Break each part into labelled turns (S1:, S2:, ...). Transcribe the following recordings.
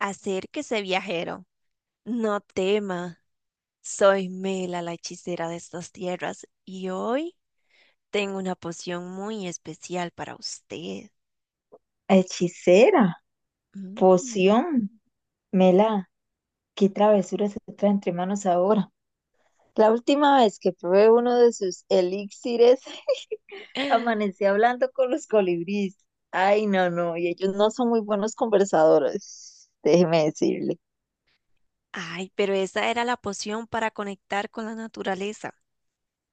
S1: Acérquese, viajero, no tema. Soy Mela, la hechicera de estas tierras, y hoy tengo una poción muy especial para usted.
S2: Hechicera,
S1: Mm.
S2: poción, mela, qué travesura se trae entre manos ahora. La última vez que probé uno de sus elixires, amanecí hablando con los colibríes. Ay, no, no, y ellos no son muy buenos conversadores, déjeme decirle.
S1: Ay, pero esa era la poción para conectar con la naturaleza.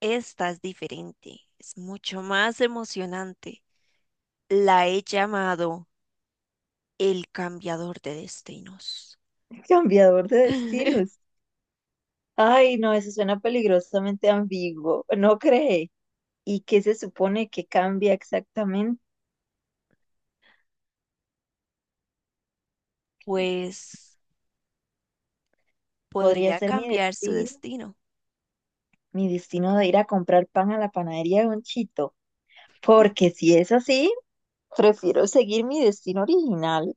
S1: Esta es diferente, es mucho más emocionante. La he llamado el cambiador de destinos.
S2: Cambiador de destinos. Ay, no, eso suena peligrosamente ambiguo, ¿no cree? ¿Y qué se supone que cambia exactamente?
S1: Pues
S2: Podría
S1: podría
S2: ser
S1: cambiar su destino.
S2: mi destino de ir a comprar pan a la panadería de un chito. Porque si es así, prefiero seguir mi destino original.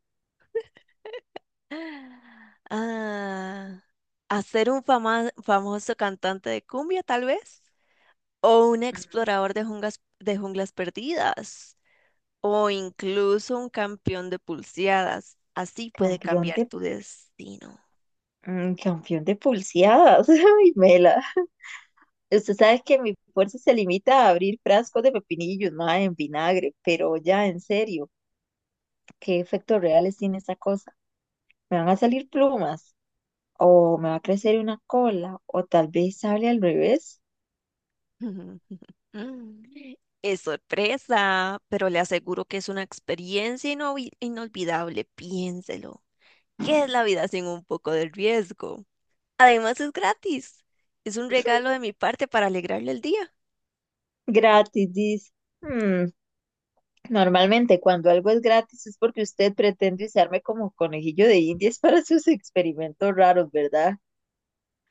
S1: Ah, ¿hacer un famoso cantante de cumbia, tal vez? ¿O un
S2: Mm,
S1: explorador de junglas perdidas? ¿O incluso un campeón de pulseadas? Así puede
S2: campeón
S1: cambiar
S2: de,
S1: tu destino.
S2: campeón de pulseadas. Ay, Mela. Usted sabe que mi fuerza se limita a abrir frascos de pepinillos, ma, en vinagre, pero ya en serio, ¿qué efectos reales tiene esa cosa? ¿Me van a salir plumas? ¿O me va a crecer una cola? ¿O tal vez sale al revés?
S1: Es sorpresa, pero le aseguro que es una experiencia inolvidable. Piénselo. ¿Qué es la vida sin un poco de riesgo? Además, es gratis. Es un regalo de mi parte para alegrarle el día.
S2: Gratis, dice. Mm, normalmente, cuando algo es gratis es porque usted pretende usarme como conejillo de indias para sus experimentos raros, ¿verdad?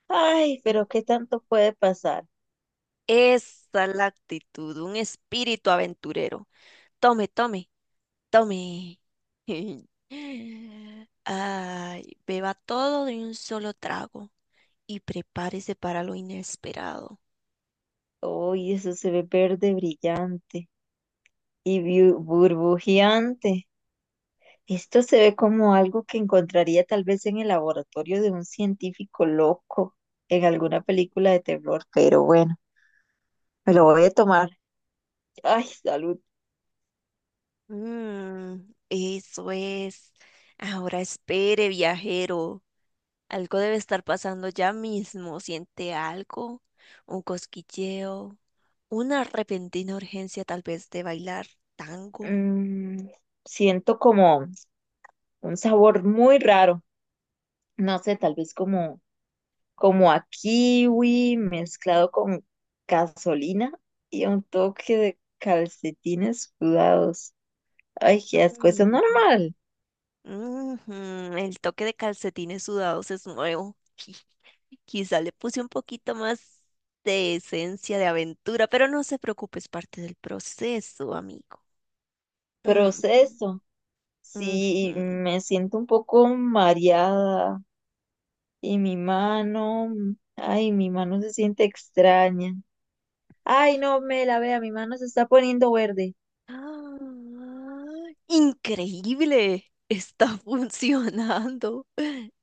S2: Ay, pero ¿qué tanto puede pasar?
S1: Esa es la actitud, un espíritu aventurero. Tome, tome, tome. Ay, beba todo de un solo trago y prepárese para lo inesperado.
S2: Uy, eso se ve verde brillante y burbujeante. Esto se ve como algo que encontraría tal vez en el laboratorio de un científico loco en alguna película de terror, pero bueno, me lo voy a tomar. Ay, salud.
S1: Mm, eso es. Ahora espere, viajero. Algo debe estar pasando ya mismo. ¿Siente algo? Un cosquilleo, una repentina urgencia tal vez de bailar tango.
S2: Mm, siento como un sabor muy raro. No sé, tal vez como, como a kiwi mezclado con gasolina y un toque de calcetines sudados. Ay, qué asco, eso es
S1: Mm.
S2: normal.
S1: Ujú. El toque de calcetines sudados es nuevo. Quizá le puse un poquito más de esencia de aventura, pero no se preocupe, es parte del proceso, amigo. Ujú,
S2: Proceso. Sí,
S1: ujú.
S2: me siento un poco mareada y mi mano, ay, mi mano se siente extraña. Ay, no me la vea, mi mano se está poniendo verde.
S1: ¡Ah! Increíble, está funcionando.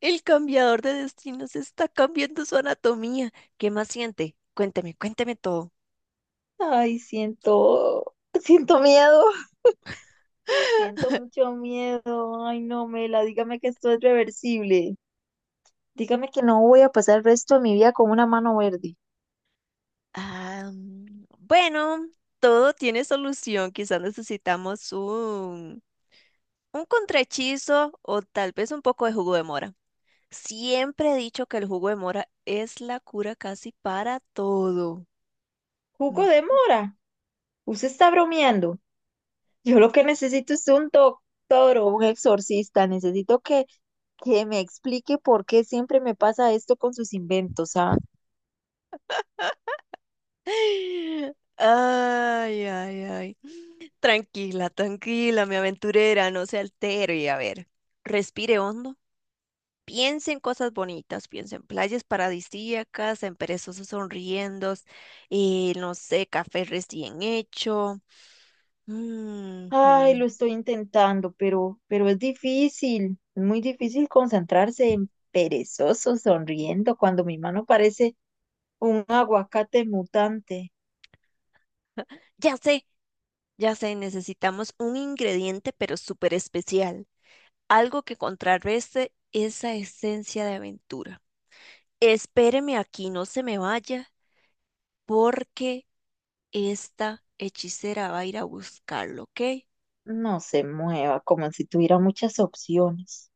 S1: El cambiador de destinos está cambiando su anatomía. ¿Qué más siente? Cuénteme, cuénteme todo.
S2: Ay, siento, siento miedo. Siento mucho miedo. Ay, no, Mela, dígame que esto es reversible. Dígame que no voy a pasar el resto de mi vida con una mano verde.
S1: Ah, bueno, todo tiene solución. Quizás necesitamos un contrahechizo o tal vez un poco de jugo de mora. Siempre he dicho que el jugo de mora es la cura casi para todo.
S2: Jugo
S1: Mm.
S2: de mora. Usted está bromeando. Yo lo que necesito es un doctor o un exorcista. Necesito que, me explique por qué siempre me pasa esto con sus inventos, ¿ah?
S1: Ay, ay, ay. Tranquila, tranquila, mi aventurera, no se altere. A ver, respire hondo. Piensa en cosas bonitas, piensa en playas paradisíacas, en perezosos sonriendo, no sé, café recién hecho.
S2: Ay,
S1: Ujú.
S2: lo estoy intentando, pero es difícil. Es muy difícil concentrarse en perezoso, sonriendo, cuando mi mano parece un aguacate mutante.
S1: Ya sé, ya sé, necesitamos un ingrediente pero súper especial, algo que contrarreste esa esencia de aventura. Espéreme aquí, no se me vaya, porque esta hechicera va a ir a buscarlo, ¿ok?
S2: No se mueva, como si tuviera muchas opciones.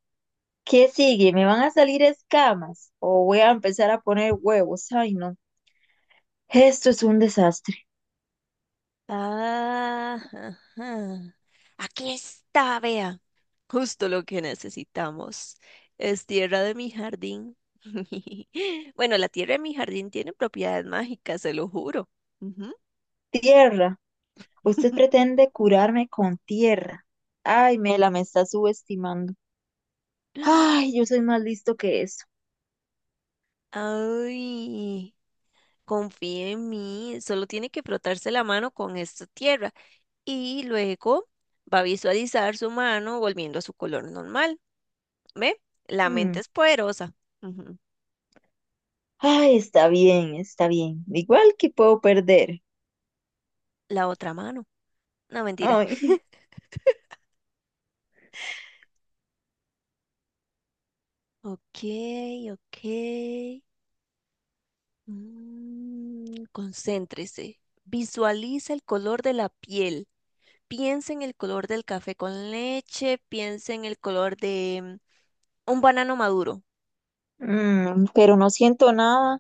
S2: ¿Qué sigue? ¿Me van a salir escamas? ¿O voy a empezar a poner huevos? Ay, no. Esto es un desastre.
S1: Ah, ajá. Aquí está, vea. Justo lo que necesitamos. Es tierra de mi jardín. Bueno, la tierra de mi jardín tiene propiedades mágicas, se lo juro. Ujú.
S2: Tierra. Usted pretende curarme con tierra. Ay, Mela, me está subestimando. Ay, yo soy más listo que eso.
S1: Ay, confía en mí. Solo tiene que frotarse la mano con esta tierra y luego va a visualizar su mano volviendo a su color normal. ¿Ve? La mente
S2: Mm.
S1: es poderosa. Ujú.
S2: Ay, está bien, está bien. Igual que puedo perder.
S1: La otra mano. No, mentira.
S2: Ay,
S1: Ok, ok. Mm, concéntrese. Visualiza el color de la piel. Piensa en el color del café con leche. Piensa en el color de un banano maduro.
S2: mm, pero no siento nada.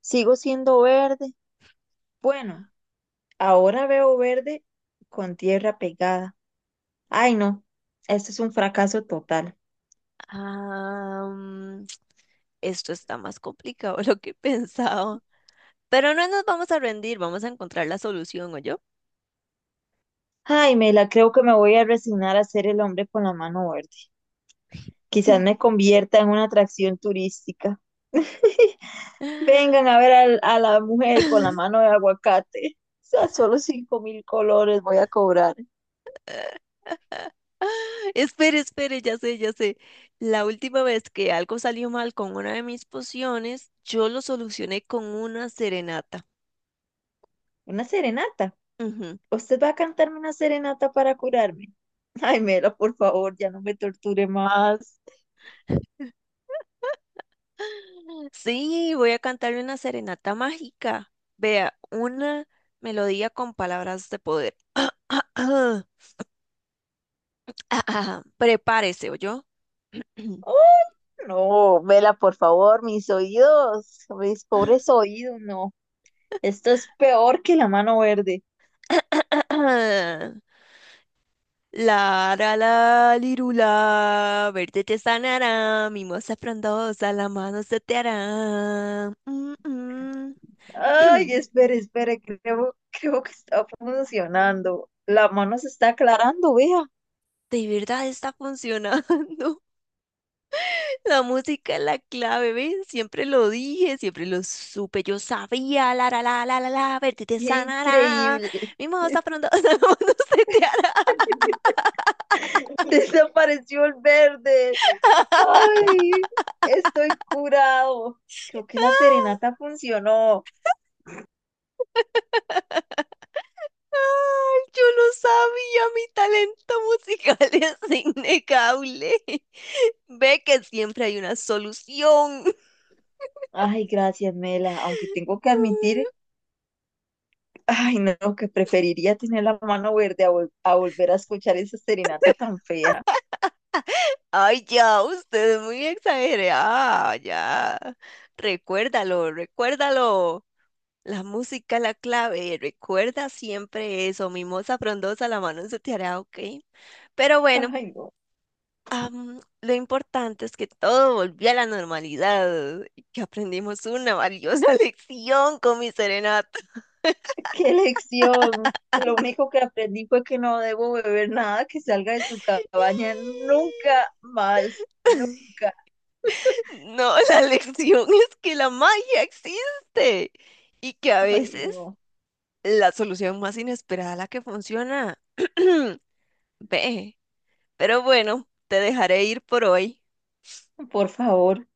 S2: Sigo siendo verde. Bueno, ahora veo verde con tierra pegada. Ay, no, esto es un fracaso total.
S1: Ah, esto está más complicado de lo que pensaba. Pero no nos vamos a rendir, vamos a encontrar la solución, ¿o yo?
S2: Ay, Mela, creo que me voy a resignar a ser el hombre con la mano verde. Quizás me convierta en una atracción turística. Vengan a ver a la mujer con la mano de aguacate. O sea, solo 5.000 colores voy a cobrar.
S1: Espere, espere, ya sé, ya sé. La última vez que algo salió mal con una de mis pociones, yo lo solucioné con una serenata.
S2: Una serenata.
S1: Ujú.
S2: ¿Usted va a cantarme una serenata para curarme? Ay, Mela, por favor, ya no me torture más.
S1: Sí, voy a cantarle una serenata mágica. Vea, una melodía con palabras de poder. Prepárese, ¿oyó?
S2: ¡Oh! No, Vela, por favor, mis oídos, mis pobres oídos, no. Esto es peor que la mano verde.
S1: La ra la lirula, verde te sanará, mimosa frondosa, la mano se te hará. Mm, mm.
S2: Ay, espere, espere, creo, que está funcionando. La mano se está aclarando, vea.
S1: De verdad está funcionando. La música es la clave, ¿ves? Siempre lo dije, siempre lo supe, yo sabía, la la la la la la, verte te
S2: Qué
S1: sanará,
S2: increíble.
S1: mi moza pronto no se te hará.
S2: Desapareció el verde. Ay, estoy curado. Creo que la serenata funcionó.
S1: Ay, yo lo sabía, mi talento musical es innegable. Ve que siempre hay una solución.
S2: Ay, gracias, Mela. Aunque tengo que admitir, ay, no, que preferiría tener la mano verde a, volver a escuchar esa serenata tan fea.
S1: Ay, ya, usted es muy exagerada, ya. Recuérdalo, recuérdalo. La música es la clave, recuerda siempre eso, mimosa frondosa, la mano en su tiara ok. Pero bueno,
S2: Ay, no,
S1: lo importante es que todo volvió a la normalidad y que aprendimos una valiosa lección con mi serenata.
S2: qué lección. Lo único que aprendí fue que no debo beber nada que salga de su cabaña nunca más, nunca.
S1: No, la lección es que la magia existe y que a
S2: Ay,
S1: veces
S2: no,
S1: la solución más inesperada es la que funciona. Ve, pero bueno, te dejaré ir por hoy.
S2: por favor.